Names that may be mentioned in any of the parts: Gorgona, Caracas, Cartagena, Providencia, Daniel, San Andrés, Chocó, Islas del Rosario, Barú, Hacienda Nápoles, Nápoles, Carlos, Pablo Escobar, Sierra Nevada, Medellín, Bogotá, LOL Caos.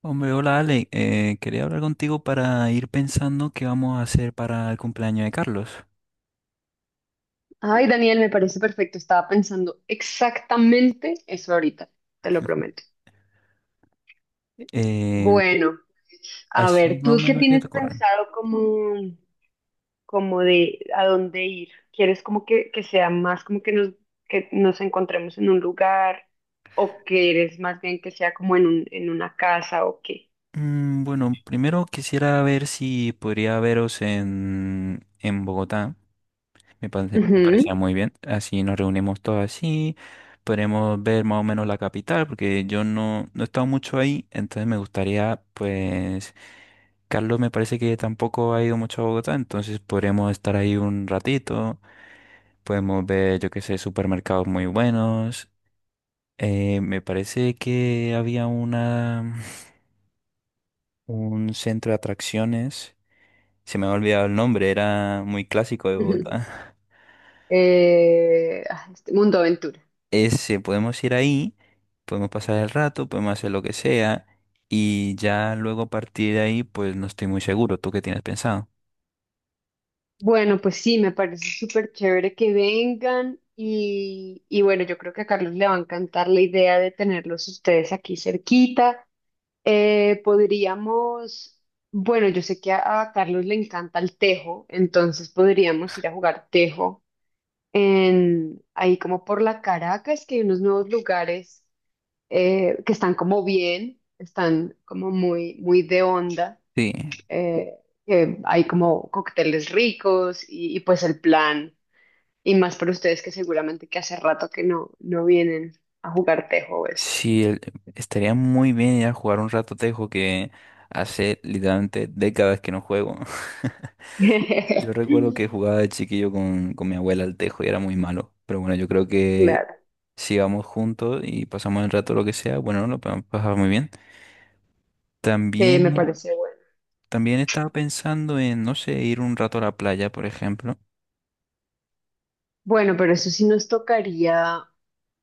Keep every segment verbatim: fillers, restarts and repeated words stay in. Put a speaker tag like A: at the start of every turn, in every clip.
A: Hombre, hola Ale. Eh, quería hablar contigo para ir pensando qué vamos a hacer para el cumpleaños de Carlos.
B: Ay, Daniel, me parece perfecto. Estaba pensando exactamente eso ahorita, te lo prometo.
A: Em,
B: Bueno, a
A: así
B: ver,
A: más o
B: ¿tú qué
A: menos qué te
B: tienes
A: corren.
B: pensado como, como de a dónde ir? ¿Quieres como que, que sea más como que nos, que nos encontremos en un lugar o quieres más bien que sea como en un, en una casa o qué?
A: Bueno, primero quisiera ver si podría veros en, en Bogotá. Me parece- me
B: Ujú,
A: parecía muy bien. Así nos reunimos todos así. Podremos ver más o menos la capital, porque yo no, no he estado mucho ahí, entonces me gustaría, pues, Carlos me parece que tampoco ha ido mucho a Bogotá, entonces podremos estar ahí un ratito. Podemos ver, yo qué sé, supermercados muy buenos. Eh, me parece que había una, un centro de atracciones. Se me ha olvidado el nombre, era muy clásico de
B: ujú.
A: Bogotá.
B: Eh, ah, este mundo aventura.
A: Ese, podemos ir ahí, podemos pasar el rato, podemos hacer lo que sea. Y ya luego a partir de ahí, pues no estoy muy seguro. ¿Tú qué tienes pensado?
B: Bueno, pues sí, me parece súper chévere que vengan y, y bueno, yo creo que a Carlos le va a encantar la idea de tenerlos ustedes aquí cerquita. Eh, podríamos, bueno, yo sé que a, a Carlos le encanta el tejo, entonces podríamos ir a jugar tejo en, ahí como por la Caracas, que hay unos nuevos lugares, eh, que están como bien, están como muy, muy de onda,
A: Sí,
B: eh, que hay como cócteles ricos y, y pues el plan, y más para ustedes que seguramente que hace rato que no, no vienen a jugar tejo o esto.
A: sí, el- Estaría muy bien ir a jugar un rato tejo que hace literalmente décadas que no juego. Yo recuerdo que jugaba de chiquillo con, con mi abuela al tejo y era muy malo. Pero bueno, yo creo que
B: Claro,
A: si vamos juntos y pasamos el rato lo que sea, bueno, lo podemos pasar muy bien.
B: sí, me
A: También,
B: parece bueno.
A: también estaba pensando en, no sé, ir un rato a la playa, por ejemplo.
B: Bueno, pero eso sí nos tocaría,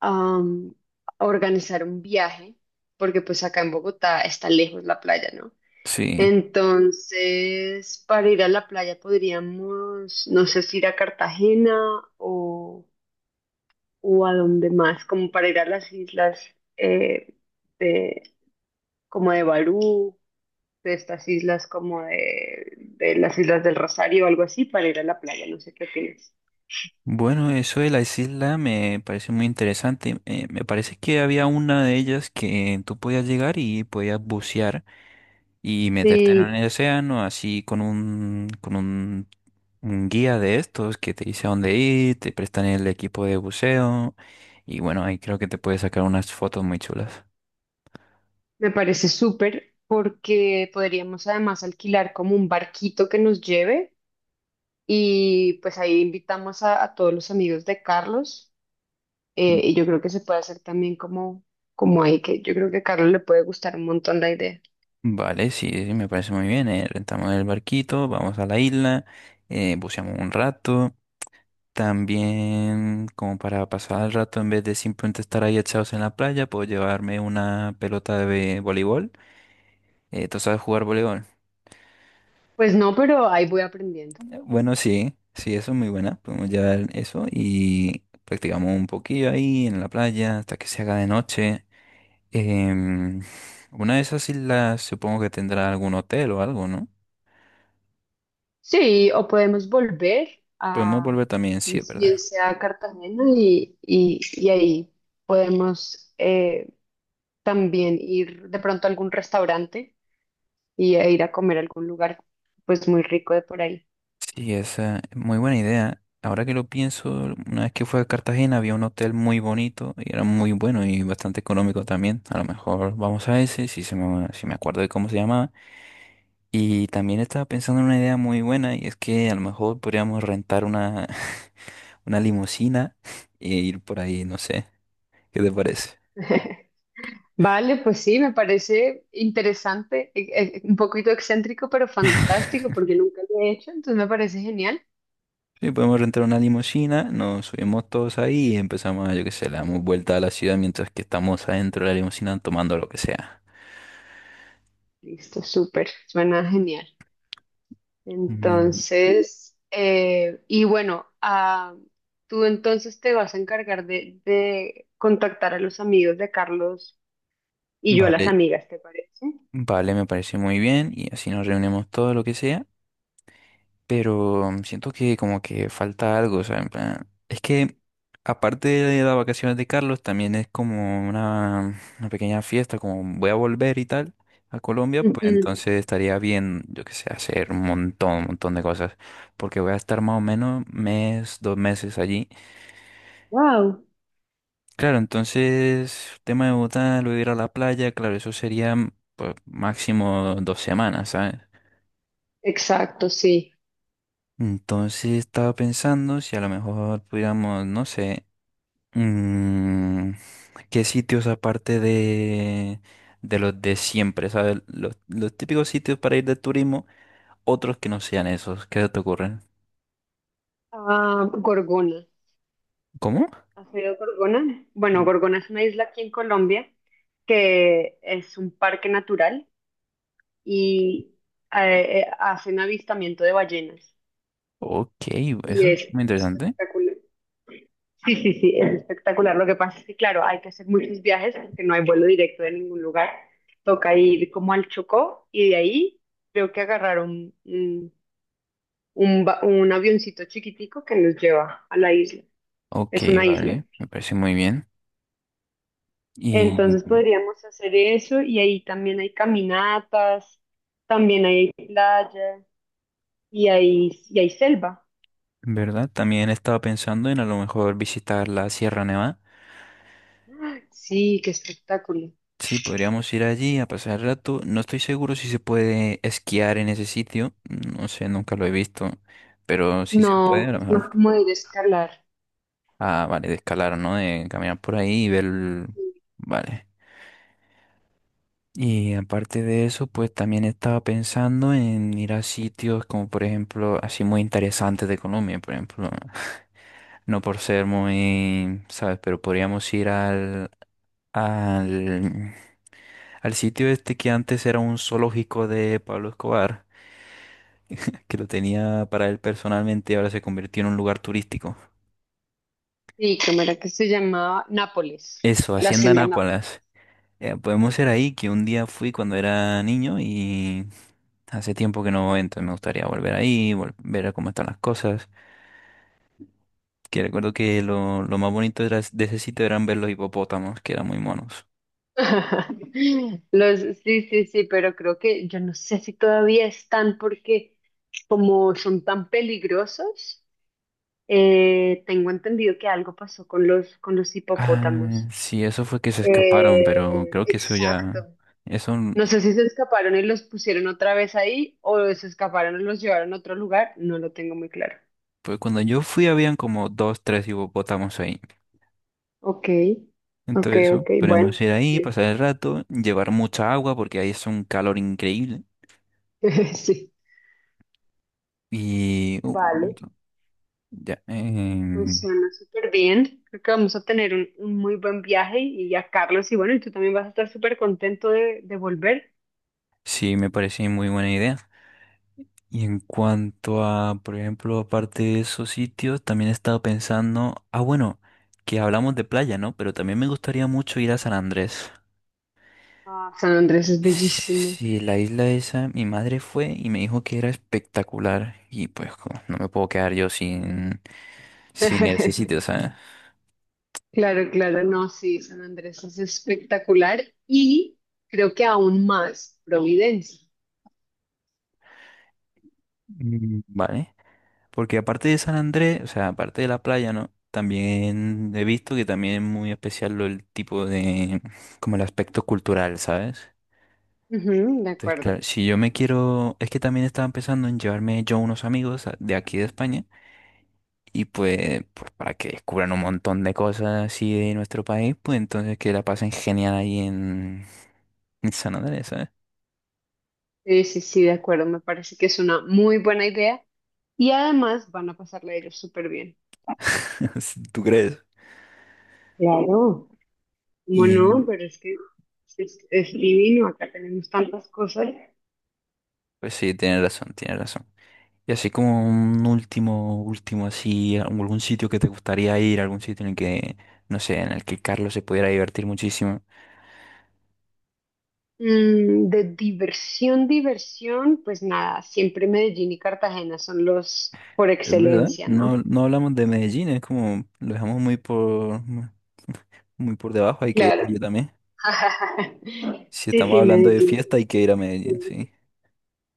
B: am, organizar un viaje, porque pues acá en Bogotá está lejos la playa, ¿no?
A: Sí.
B: Entonces, para ir a la playa podríamos, no sé si ir a Cartagena o... o a dónde más, como para ir a las islas, eh, de, como de Barú, de estas islas como de, de las Islas del Rosario o algo así, para ir a la playa, no sé qué opinas.
A: Bueno, eso de las islas me parece muy interesante. Eh, me parece que había una de ellas que tú podías llegar y podías bucear y meterte en
B: Sí,
A: el océano así con un, con un un guía de estos que te dice a dónde ir, te prestan el equipo de buceo y bueno, ahí creo que te puedes sacar unas fotos muy chulas.
B: me parece súper porque podríamos además alquilar como un barquito que nos lleve y pues ahí invitamos a, a todos los amigos de Carlos,
A: Mm.
B: eh, y yo creo que se puede hacer también como, como ahí, que yo creo que a Carlos le puede gustar un montón la idea.
A: Vale, sí, sí, me parece muy bien. eh, Rentamos el barquito, vamos a la isla, eh, buceamos un rato. También, como para pasar el rato, en vez de simplemente estar ahí echados en la playa, puedo llevarme una pelota de voleibol. Eh, ¿tú sabes jugar voleibol?
B: Pues no, pero ahí voy aprendiendo.
A: Bueno, sí, sí, eso es muy buena. Podemos llevar eso y practicamos un poquillo ahí en la playa hasta que se haga de noche. Em, una de esas islas supongo que tendrá algún hotel o algo, ¿no?
B: Sí, o podemos volver
A: Podemos
B: a,
A: volver también, sí, es
B: bien
A: verdad.
B: sea a Cartagena y, y- y ahí podemos, eh, también ir de pronto a algún restaurante y a ir a comer a algún lugar pues muy rico de por ahí.
A: Sí, esa es muy buena idea. Ahora que lo pienso, una vez que fue a Cartagena había un hotel muy bonito y era muy bueno y bastante económico también. A lo mejor vamos a ese, si, se me, si me acuerdo de cómo se llamaba. Y también estaba pensando en una idea muy buena y es que a lo mejor podríamos rentar una, una limusina e ir por ahí, no sé, ¿qué te parece?
B: Vale, pues sí, me parece interesante, e- e- un poquito excéntrico, pero fantástico porque nunca lo he hecho, entonces me parece genial.
A: Sí, podemos rentar una limusina, nos subimos todos ahí y empezamos, a, yo qué sé, le damos vuelta a la ciudad mientras que estamos adentro de la limusina tomando lo que sea.
B: Listo, súper, suena genial.
A: Mm.
B: Entonces, eh, y bueno, ah, tú entonces te vas a encargar de, de contactar a los amigos de Carlos y yo a las
A: Vale,
B: amigas, ¿te parece?
A: vale, me parece muy bien y así nos reunimos todo lo que sea. Pero siento que como que falta algo, o sea, en plan, es que aparte de las vacaciones de Carlos, también es como una, una pequeña fiesta, como voy a volver y tal a Colombia, pues
B: Ujú.
A: entonces estaría bien, yo qué sé, hacer un montón, un montón de cosas, porque voy a estar más o menos mes, dos meses allí.
B: Wow,
A: Claro, entonces, tema de Bogotá, luego ir a la playa, claro, eso sería pues máximo dos semanas, ¿sabes?
B: exacto, sí.
A: Entonces estaba pensando si a lo mejor pudiéramos, no sé, Mm, ¿qué sitios aparte de, de los de siempre, ¿sabes? Los, los típicos sitios para ir de turismo, otros que no sean esos, ¿qué se te ocurren?
B: Ah, Gorgona.
A: ¿Cómo?
B: ¿Has oído Gorgona? Bueno, Gorgona es una isla aquí en Colombia que es un parque natural y, eh, eh, hacen avistamiento de ballenas
A: Ok,
B: y
A: eso es
B: es
A: muy interesante.
B: espectacular. Sí, sí, sí, es espectacular. Lo que pasa es que, claro, hay que hacer muchos viajes porque no hay vuelo directo de ningún lugar. Toca ir como al Chocó y de ahí creo que agarrar un, un, un ba- un avioncito chiquitico que nos lleva a la isla.
A: Ok,
B: Es una isla.
A: vale, me parece muy bien. Y,
B: Entonces podríamos hacer eso y ahí también hay caminatas, también hay playa y hay, y hay selva.
A: ¿verdad? También estaba pensando en a lo mejor visitar la Sierra Nevada.
B: Sí, qué espectáculo.
A: Sí, podríamos ir allí a pasar el rato. No estoy seguro si se puede esquiar en ese sitio. No sé, nunca lo he visto. Pero si se puede, a
B: No,
A: lo
B: es más
A: mejor.
B: como ir a escalar.
A: Ah, vale, de escalar, ¿no? De caminar por ahí y ver... el- Vale. Y aparte de eso, pues también estaba pensando en ir a sitios como, por ejemplo, así muy interesantes de Colombia, por ejemplo. No por ser muy, ¿sabes? Pero podríamos ir al, al, al sitio este que antes era un zoológico de Pablo Escobar, que lo tenía para él personalmente y ahora se convirtió en un lugar turístico.
B: Sí, ¿cómo era que se llamaba? Nápoles,
A: Eso,
B: la
A: Hacienda
B: hacienda Nápoles.
A: Nápoles. Eh, podemos ser ahí, que un día fui cuando era niño y hace tiempo que no voy, entonces me gustaría volver ahí, vol- ver cómo están las cosas. Que recuerdo que lo, lo más bonito era- de ese sitio eran ver los hipopótamos, que eran muy monos.
B: Los, sí, sí, sí, pero creo que yo no sé si todavía están porque como son tan peligrosos, eh, tengo entendido que algo pasó con los, con los
A: Ah,
B: hipopótamos.
A: sí, eso fue que se escaparon, pero
B: Eh,
A: creo que eso ya...
B: exacto.
A: Eso, n-
B: No sé si se escaparon y los pusieron otra vez ahí o se escaparon y los llevaron a otro lugar, no lo tengo muy claro.
A: pues cuando yo fui habían como dos, tres hipopótamos ahí.
B: Ok, ok,
A: Entonces eso,
B: ok, bueno,
A: podemos ir
B: pues
A: ahí,
B: bien.
A: pasar el rato, llevar mucha agua porque ahí es un calor increíble.
B: Sí.
A: Y... uh,
B: Vale.
A: ya, em,
B: Pues suena súper bien. Creo que vamos a tener un, un muy buen viaje y a Carlos, y bueno, y tú también vas a estar súper contento de, de volver.
A: Sí, me parece muy buena idea. Y en cuanto a, por ejemplo, aparte de esos sitios, también he estado pensando, ah, bueno, que hablamos de playa, ¿no? Pero también me gustaría mucho ir a San Andrés.
B: Ah, San Andrés es bellísimo.
A: Sí, la isla esa, mi madre fue y me dijo que era espectacular y pues co- no me puedo quedar yo sin, sin ese sitio, ¿sabes?
B: Claro, claro, no, sí, San Andrés es espectacular y creo que aún más Providencia.
A: Mm. Vale. Porque aparte de San Andrés, o sea, aparte de la playa, ¿no? También he visto que también es muy especial lo- el tipo de, como el aspecto cultural, ¿sabes?
B: Ujú, de
A: Entonces,
B: acuerdo.
A: claro, si yo me quiero, es que también estaba pensando en llevarme yo unos amigos a- de aquí de España y pues, pues para que descubran un montón de cosas así de nuestro país, pues entonces que la pasen genial ahí en, en San Andrés, ¿sabes?
B: Sí, sí, sí, de acuerdo. Me parece que es una muy buena idea y además van a pasarla ellos súper bien.
A: ¿Tú crees?
B: Claro. ¿Cómo no?
A: Y
B: Pero es que es, es divino. Acá tenemos tantas cosas.
A: pues sí, tienes razón, tienes razón. Y así como un último, último, así, algún sitio que te gustaría ir, algún sitio en el que, no sé, en el que Carlos se pudiera divertir muchísimo.
B: Mm, de diversión, diversión, pues nada, siempre Medellín y Cartagena son los por
A: Es verdad,
B: excelencia, ¿no?
A: no, habl- no hablamos de Medellín, es como, lo dejamos muy por, muy por debajo, hay que ir
B: Claro.
A: allí también. Si
B: Sí,
A: estamos
B: sí,
A: hablando de
B: Medellín.
A: fiesta,
B: Sí,
A: hay que ir a Medellín,
B: sí,
A: sí.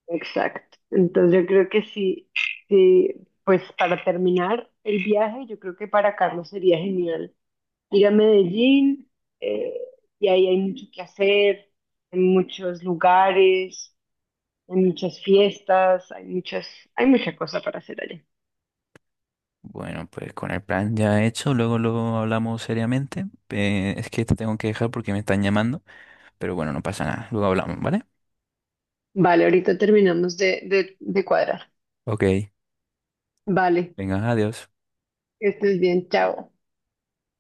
B: exacto. Entonces yo creo que sí, sí, pues para terminar el viaje, yo creo que para Carlos sería genial ir a Medellín, eh, y ahí hay mucho que hacer, en muchos lugares, hay muchas fiestas, hay muchas, hay mucha cosa para hacer allá.
A: Bueno, pues con el plan ya hecho, luego lo hablamos seriamente. Eh, es que te tengo que dejar porque me están llamando, pero bueno, no pasa nada, luego hablamos, ¿vale?
B: Vale, ahorita terminamos de, de, de cuadrar.
A: Ok,
B: Vale,
A: venga, adiós.
B: que estés bien, chao.